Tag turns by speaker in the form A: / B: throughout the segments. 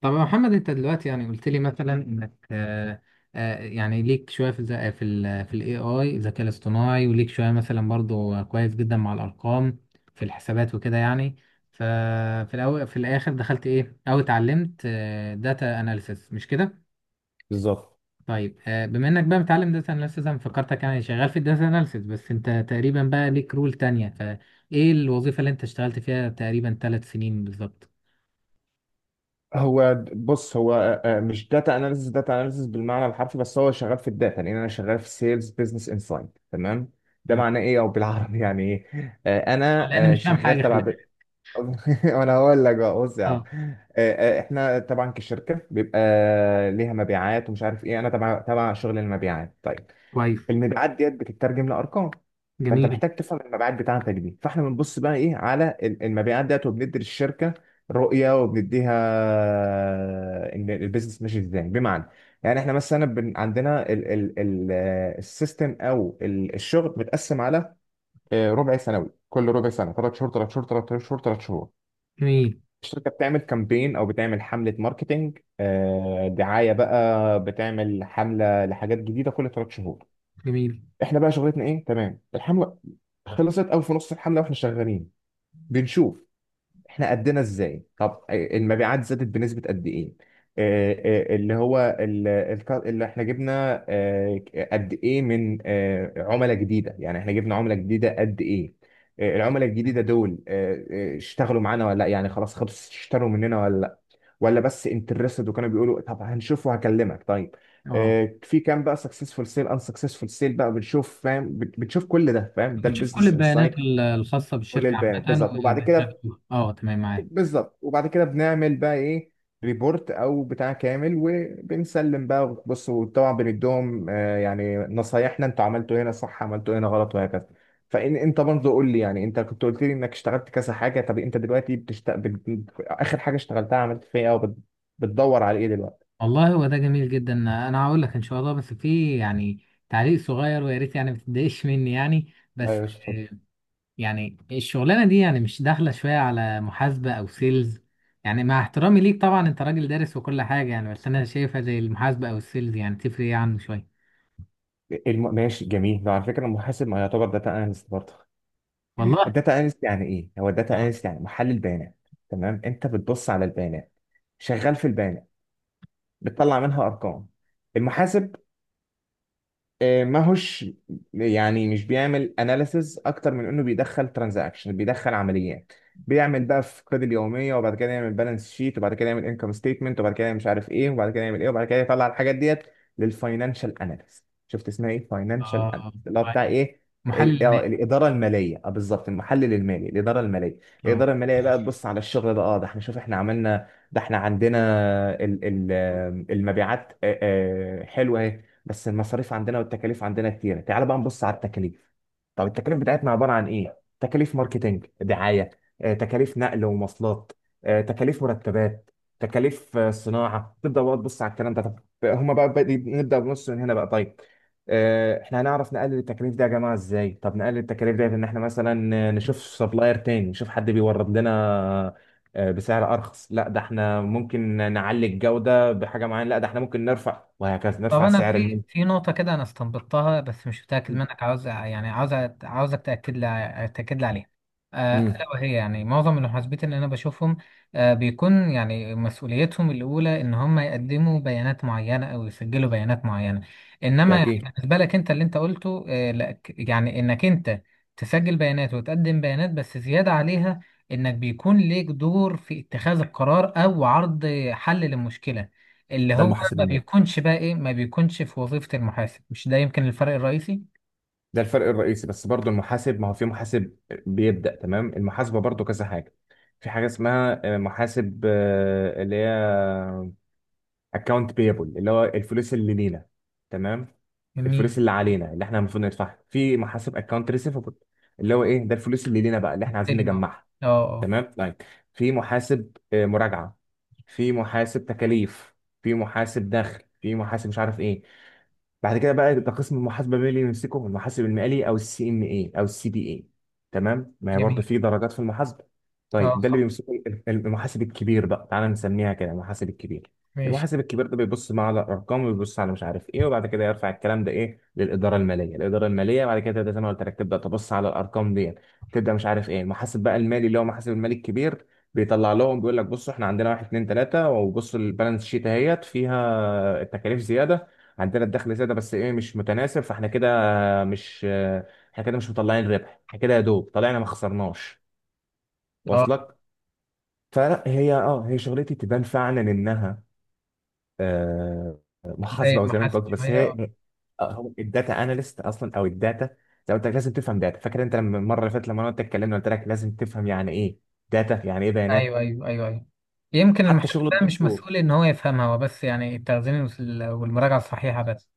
A: طب يا محمد، انت دلوقتي يعني قلت لي مثلا انك يعني ليك شويه في الذ- في ال في الاي اي الذكاء الاصطناعي، وليك شويه مثلا برضو كويس جدا مع الارقام في الحسابات وكده يعني. ففي الاول في الاخر دخلت ايه او اتعلمت داتا اناليسيس، مش كده؟
B: بالظبط.
A: طيب بما انك بقى متعلم داتا اناليسيس، انا فكرتك يعني شغال في الداتا اناليسيس، بس انت تقريبا بقى ليك رول تانية، فايه الوظيفه اللي انت اشتغلت فيها تقريبا 3 سنين بالظبط؟
B: هو بص، هو مش داتا اناليسيس، داتا اناليسيس بالمعنى الحرفي، بس هو شغال في الداتا لان انا شغال في سيلز بزنس انسايد. تمام؟ ده
A: مم.
B: معناه ايه او بالعربي يعني ايه؟ انا
A: لان انا مش فاهم
B: شغال
A: حاجه،
B: تبع
A: خلي
B: ب...
A: بالك.
B: وانا هقول لك بقى، بص يا عم.
A: اه،
B: احنا طبعا كشركه بيبقى ليها مبيعات ومش عارف ايه. انا تبع شغل المبيعات. طيب،
A: كويس.
B: المبيعات ديت بتترجم لارقام، فانت
A: جميل،
B: محتاج تفهم المبيعات بتاعتك دي. فاحنا بنبص بقى ايه على المبيعات ديت، وبندي للشركه رؤيه، وبنديها ان البيزنس ماشي ازاي. بمعنى يعني احنا مثلا عندنا ال السيستم، او الشغل متقسم على ربع سنوي. كل ربع سنه، ثلاث شهور ثلاث شهور ثلاث شهور ثلاث شهور،
A: جميل،
B: الشركه بتعمل كامبين او بتعمل حمله ماركتينج، دعايه بقى. بتعمل حمله لحاجات جديده كل ثلاث شهور.
A: جميل.
B: احنا بقى شغلتنا ايه؟ تمام، الحمله خلصت او في نص الحمله واحنا شغالين، بنشوف احنا قدنا ازاي. طب المبيعات زادت بنسبه قد ايه؟ آه، اللي هو اللي احنا جبنا قد ايه من عملاء جديده. يعني احنا جبنا عملاء جديده قد ايه؟ العملاء الجديده دول اشتغلوا معانا ولا لا؟ يعني خلاص خلص اشتروا مننا ولا لا، ولا بس انترستد وكانوا بيقولوا طب هنشوف وهكلمك. طيب،
A: اه.
B: في كام بقى سكسسفول سيل؟ ان سكسسفول سيل بقى بنشوف. فاهم؟ بتشوف كل ده. فاهم؟ ده
A: بتشوف كل
B: البيزنس
A: البيانات
B: انسايت.
A: الخاصة بالشركة عامة
B: بالظبط.
A: وبيانات مفتوحة. اه، تمام، معاك.
B: وبعد كده بنعمل بقى ايه؟ ريبورت او بتاع كامل، وبنسلم بقى. بص، وطبعا بنديهم يعني نصايحنا، انتوا عملتوا هنا صح، عملتوا هنا غلط، وهكذا. فان انت برضه قول لي، يعني انت كنت قلت لي انك اشتغلت كذا حاجه. طب انت دلوقتي اخر حاجه اشتغلتها عملت فيها ايه، او بتدور على ايه دلوقتي؟
A: والله هو ده جميل جدا. انا هقول لك ان شاء الله، بس في يعني تعليق صغير ويا ريت يعني ما تتضايقش مني يعني،
B: لا يا
A: بس.
B: باشا، اتفضل.
A: آه، يعني الشغلانة دي يعني مش داخلة شوية على محاسبة او سيلز؟ يعني مع احترامي ليك طبعا، انت راجل دارس وكل حاجة يعني، بس انا شايفها زي المحاسبة او السيلز يعني تفرق يعني شوية.
B: ماشي، جميل. لو على فكره المحاسب ما يعتبر داتا اناليست برضه.
A: والله.
B: الداتا اناليست يعني ايه؟ هو الداتا
A: اه.
B: اناليست يعني محلل بيانات. تمام، انت بتبص على البيانات، شغال في البيانات، بتطلع منها ارقام. المحاسب ما هوش يعني مش بيعمل اناليسز، اكتر من انه بيدخل ترانزاكشن، بيدخل عمليات، بيعمل بقى في قيد اليوميه، وبعد كده يعمل بالانس شيت، وبعد كده يعمل انكم ستيتمنت، وبعد كده مش عارف ايه، وبعد كده يعمل ايه، وبعد كده يطلع الحاجات ديت للفاينانشال اناليست. شفت اسمها ايه؟
A: اه.
B: فاينانشال اناليست،
A: آه.
B: اللي هو بتاع
A: طيب.
B: ايه؟
A: محلل المال.
B: الاداره الماليه. اه بالظبط، المحلل المالي، الاداره الماليه.
A: اه.
B: الاداره الماليه بقى تبص على الشغل ده. اه، ده احنا شوف، احنا عملنا ده، احنا عندنا المبيعات حلوه، بس المصاريف عندنا والتكاليف عندنا كتيرة. تعال بقى نبص على التكاليف. طب التكاليف بتاعتنا عبارة عن ايه؟ تكاليف ماركتينج، دعاية، تكاليف نقل ومواصلات، تكاليف مرتبات، تكاليف صناعة. تبدأ بقى تبص على الكلام ده. طب هما بقى بدي نبدأ بنص من هنا بقى. طيب، احنا هنعرف نقلل التكاليف دي يا جماعة ازاي؟ طب نقلل التكاليف دي ان احنا مثلا نشوف سبلاير تاني، نشوف حد بيورد لنا بسعر ارخص. لا، ده احنا ممكن نعلي الجودة بحاجة معينة. لا، ده احنا ممكن نرفع، وهكذا
A: طب
B: نرفع
A: انا
B: سعر
A: في
B: المنتج.
A: في نقطه كده انا استنبطتها، بس مش متاكد منك. عاوز يعني عاوزك تاكد لي عليها.
B: امم.
A: الا وهي يعني معظم المحاسبين اللي انا بشوفهم بيكون يعني مسؤوليتهم الاولى ان هم يقدموا بيانات معينه او يسجلوا بيانات معينه،
B: ده
A: انما يعني
B: اكيد.
A: بالنسبه لك انت اللي انت قلته، لا يعني انك انت تسجل بيانات وتقدم بيانات، بس زياده عليها انك بيكون ليك دور في اتخاذ القرار او عرض حل للمشكله، اللي
B: ده
A: هو
B: المحاسب
A: ما
B: المالي.
A: بيكونش بقى ايه، ما بيكونش في وظيفة المحاسب. مش ده يمكن الفرق الرئيسي؟
B: ده الفرق الرئيسي، بس برضو المحاسب ما هو في محاسب بيبدأ. تمام، المحاسبة برضو كذا حاجة. في حاجة اسمها محاسب اللي هي اكونت بيبل، اللي هو الفلوس اللي لينا. تمام،
A: جميل.
B: الفلوس اللي علينا اللي احنا المفروض ندفعها. في محاسب اكونت ريسيفبل، اللي هو ايه؟ ده الفلوس اللي لينا بقى، اللي احنا عايزين
A: نستلم، اه.
B: نجمعها.
A: اه.
B: تمام، طيب. في محاسب مراجعة، في محاسب تكاليف، في محاسب دخل، في محاسب مش عارف ايه. بعد كده بقى ده قسم المحاسبه، مين اللي يمسكه؟ المحاسب المالي، او السي ام اي، او السي بي اي. تمام، ما هي برضه
A: جميل.
B: في درجات في المحاسبه.
A: اه،
B: طيب ده اللي
A: صح.
B: بيمسكه المحاسب الكبير بقى، تعالى نسميها كده، المحاسب الكبير.
A: ماشي.
B: المحاسب الكبير ده بيبص بقى على الارقام، وبيبص على مش عارف ايه، وبعد كده يرفع الكلام ده ايه للاداره الماليه. الاداره الماليه بعد كده تبدا زي ما قلت لك، تبدا تبص على الارقام دي، تبدا مش عارف ايه. المحاسب بقى المالي اللي هو محاسب المالي الكبير بيطلع لهم بيقول لك بصوا احنا عندنا واحد اتنين تلاته، وبصوا البالانس شيت اهيت فيها التكاليف زياده عندنا، الدخل زيادة، بس ايه مش متناسب. فاحنا كده مش مش مطلعين ربح، احنا كده يا دوب طلعنا ما خسرناش.
A: اه.
B: واصلك؟ فلا، هي اه هي شغلتي تبان فعلا انها آه
A: زي
B: محاسبة، او زي ما انت
A: المحاسب
B: قلت، بس
A: شوية، اه.
B: هي هو الداتا اناليست اصلا، او الداتا. زي ما قلت لك، لازم تفهم داتا. فاكر انت لما المره اللي فاتت لما انا وانت اتكلمنا قلت لك لازم تفهم يعني ايه داتا؟ يعني ايه
A: ايوه،
B: بيانات؟
A: ايوه، ايوه، ايوه. يمكن
B: حتى
A: المحاسب
B: شغل
A: بقى مش
B: الدكتور.
A: مسؤول ان هو يفهمها، هو بس يعني التخزين والمراجعة الصحيحة بس.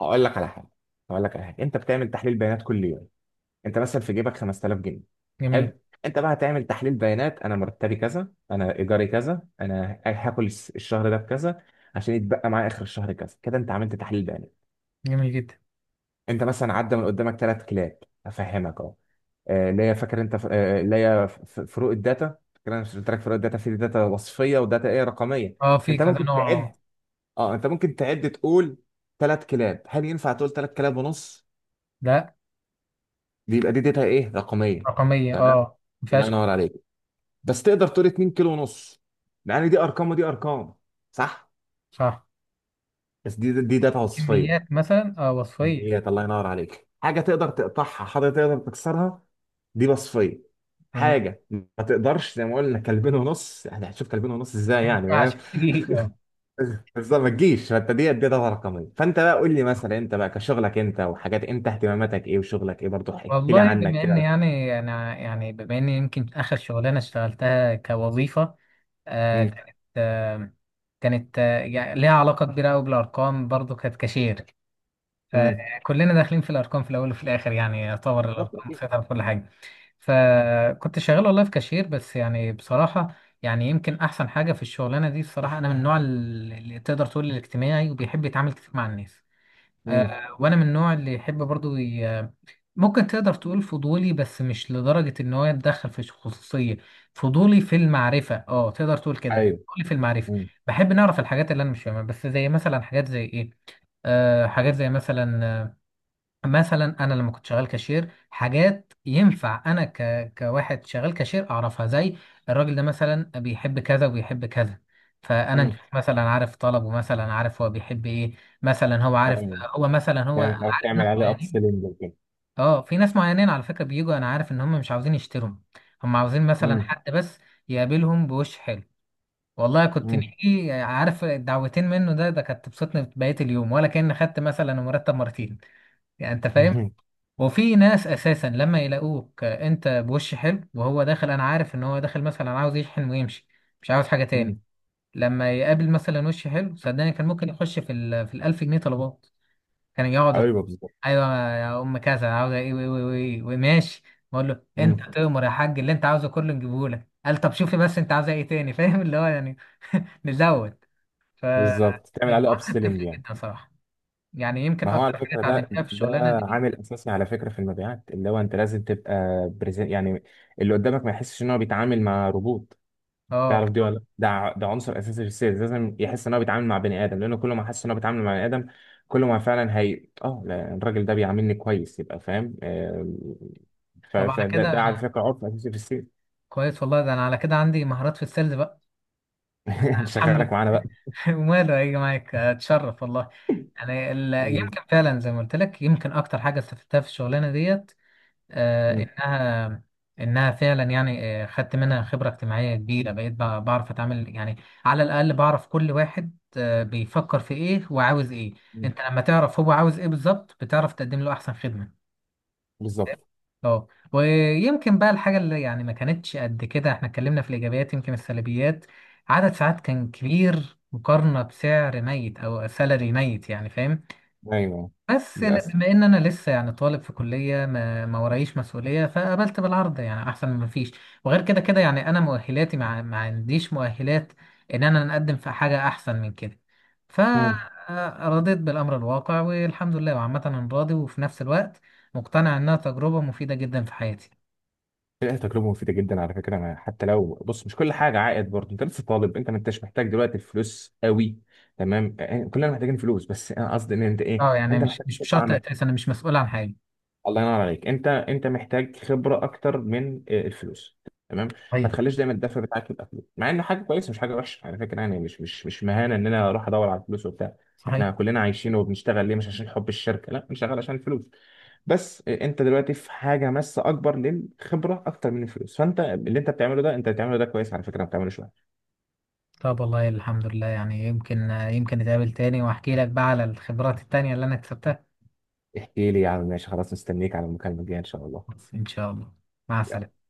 B: هقول لك على حاجه هقول لك على حاجه: انت بتعمل تحليل بيانات كل يوم. انت مثلا في جيبك 5000 جنيه.
A: جميل.
B: حلو. انت بقى هتعمل تحليل بيانات: انا مرتبي كذا، انا ايجاري كذا، انا هاكل الشهر ده بكذا، عشان يتبقى معايا اخر الشهر كذا. كده انت عملت تحليل بيانات.
A: جميل جدا.
B: انت مثلا عدى من قدامك ثلاث كلاب. افهمك اهو. اللي هي، فاكر انت اللي هي فروق الداتا. فاكر، انا مش قلت لك فروق الداتا؟ في داتا وصفيه، وداتا ايه، رقميه.
A: اه، في
B: انت
A: كذا
B: ممكن
A: نوع.
B: تعد.
A: اه.
B: اه انت ممكن تعد تقول ثلاث كلاب. هل ينفع تقول ثلاث كلاب ونص؟
A: لا.
B: دي يبقى دي داتا ايه، رقميه.
A: رقمية،
B: تمام،
A: اه. ما
B: الله
A: فيهاش
B: ينور عليك. بس تقدر تقول 2 كيلو ونص. يعني دي ارقام ودي ارقام، صح؟
A: صح.
B: بس دي داتا وصفيه.
A: كميات مثلا، اه. وصفية.
B: كميات، الله ينور عليك. حاجه تقدر تقطعها، حاجه تقدر تكسرها، دي وصفيه.
A: جميل.
B: حاجه ما تقدرش، زي ما قلنا، كلبين ونص. يعني هتشوف كلبين ونص ازاي؟
A: ما
B: يعني فاهم؟
A: ينفعش تجيلي.
B: بس ما تجيش. فانت دي داتا رقميه. فانت بقى قول لي مثلا، انت بقى كشغلك انت، وحاجات انت اهتماماتك ايه وشغلك ايه برضه، احكي لي
A: والله
B: عنك
A: بما اني
B: كده.
A: يعني انا يعني بما اني يمكن اخر شغلانه اشتغلتها كوظيفه، آه
B: امم.
A: كانت آه كانت يعني ليها علاقه كبيره قوي بالارقام برضو، كانت كاشير.
B: امم.
A: فكلنا داخلين في الارقام في الاول وفي الاخر، يعني يعتبر الارقام مسيطره في كل حاجه. فكنت شغال والله في كاشير، بس يعني بصراحه يعني يمكن احسن حاجه في الشغلانه دي بصراحه، انا من النوع اللي تقدر تقول الاجتماعي وبيحب يتعامل كتير مع الناس.
B: امم.
A: وانا من النوع اللي يحب برضو ممكن تقدر تقول فضولي، بس مش لدرجة ان هو يتدخل في الخصوصية. فضولي في المعرفة، اه. تقدر تقول كده،
B: ايوه.
A: فضولي في المعرفة. بحب نعرف الحاجات اللي انا مش فاهمها، بس زي مثلا حاجات زي ايه. حاجات زي مثلا، مثلا انا لما كنت شغال كاشير، حاجات ينفع انا كواحد شغال كاشير اعرفها. زي الراجل ده مثلا بيحب كذا وبيحب كذا، فانا
B: امم.
A: مثلا عارف طلبه، مثلا عارف هو بيحب ايه. مثلا هو عارف هو مثلا هو
B: يعني
A: أنا
B: تعرف
A: عارف ناس
B: تعمل عليه اب
A: معينين.
B: سيلينج وكده.
A: اه، في ناس معينين على فكرة بيجوا انا عارف ان هم مش عاوزين يشتروا، هم عاوزين مثلا
B: امم.
A: حد بس يقابلهم بوش حلو. والله، كنت
B: امم.
A: نيجي عارف الدعوتين منه، ده كانت تبسطني بقية اليوم، ولا كأن خدت مثلا مرتب مرتين يعني. انت فاهم؟ وفي ناس اساسا لما يلاقوك انت بوش حلو وهو داخل، انا عارف ان هو داخل مثلا عاوز يشحن ويمشي، مش عاوز حاجه تاني.
B: امم.
A: لما يقابل مثلا وش حلو صدقني كان ممكن يخش في ال في الـ1000 جنيه طلبات، كان يقعد.
B: ايوه بالظبط.
A: ايوه، يا ام كذا عاوزه ايه وايه وايه وايه، وماشي. بقول له
B: امم.
A: انت تؤمر يا حاج، اللي انت عاوزه كله نجيبه لك. قال طب شوفي بس انت عاوزه ايه تاني. فاهم اللي هو يعني نزود. ف
B: بالظبط، تعمل عليه اب
A: المعامله
B: سيلينج
A: بتفرق
B: يعني.
A: جدا صراحه. يعني يمكن
B: ما هو على
A: اكتر حاجه
B: فكره ده
A: اتعلمتها في
B: ده
A: الشغلانه دي،
B: عامل اساسي على فكره في المبيعات، اللي هو انت لازم تبقى بريزنت يعني، اللي قدامك ما يحسش ان هو بيتعامل مع روبوت.
A: اه.
B: تعرف دي ولا لأ؟ ده عنصر اساسي في السيلز. لازم يحس ان هو بيتعامل مع بني ادم، لانه كل ما حس ان هو بيتعامل مع بني ادم، كل ما فعلا هي اه لا، الراجل ده بيعاملني كويس، يبقى فاهم. آه، ف-
A: طب على
B: فده
A: كده
B: ده على
A: انا
B: فكره عرف اساسي في السيلز.
A: كويس، والله ده انا على كده عندي مهارات في السيلز بقى. الحمد
B: شغالك معانا
A: لله. وماله هيجي معاك اتشرف والله. يعني
B: بقى.
A: يمكن فعلا زي ما قلت لك، يمكن اكتر حاجه استفدتها في الشغلانه ديت آه
B: مم.
A: انها انها فعلا يعني خدت منها خبره اجتماعيه كبيره، بقيت بعرف اتعامل يعني. على الاقل بعرف كل واحد بيفكر في ايه وعاوز ايه.
B: مم.
A: انت لما تعرف هو عاوز ايه بالظبط، بتعرف تقدم له احسن خدمه.
B: بالظبط.
A: اه. ويمكن بقى الحاجة اللي يعني ما كانتش قد كده، احنا اتكلمنا في الإيجابيات، يمكن السلبيات عدد ساعات كان كبير مقارنة بسعر ميت أو سالري ميت. يعني فاهم؟
B: ايوه،
A: بس
B: للاسف.
A: بما إن أنا لسه يعني طالب في كلية، ما ورايش مسؤولية، فقبلت بالعرض يعني، أحسن من مفيش. وغير كده كده يعني أنا مؤهلاتي، مع ما عنديش مؤهلات إن أنا نقدم في حاجة أحسن من كده،
B: مم.
A: فرضيت بالأمر الواقع والحمد لله. وعامة أنا راضي، وفي نفس الوقت مقتنع إنها تجربة مفيدة جدا في حياتي.
B: لا، تجربه مفيده جدا على فكره. انا حتى لو بص، مش كل حاجه عائد برضه، انت لسه طالب، انت ما انتش محتاج دلوقتي الفلوس قوي. تمام، كلنا محتاجين فلوس، بس انا قصدي ان انت ايه،
A: اه، يعني
B: انت
A: مش
B: محتاج
A: مش بشرط
B: تطلع.
A: اساسا انا مش مسؤول عن حاجه.
B: الله ينور عليك. انت محتاج خبره اكتر من الفلوس. تمام، ما
A: صحيح.
B: تخليش دايما الدفع بتاعك يبقى فلوس. مع انه حاجه كويسه، مش حاجه وحشه على فكره، يعني مش مهانه ان انا اروح ادور على الفلوس وبتاع.
A: صحيح.
B: احنا كلنا عايشين وبنشتغل ليه؟ مش عشان حب الشركه، لا، بنشتغل عشان الفلوس. بس انت دلوقتي في حاجه ماسه اكبر للخبره، اكتر من الفلوس. فانت اللي انت بتعمله ده، انت بتعمله ده كويس على فكره، ما بتعملوش وحش.
A: طب والله الحمد لله، يعني يمكن نتقابل تاني واحكي لك بقى على الخبرات التانية اللي انا كسبتها.
B: احكي لي يا عم، ماشي، خلاص، مستنيك على المكالمه الجايه ان شاء الله.
A: بس ان شاء الله. مع
B: يلا.
A: السلامه.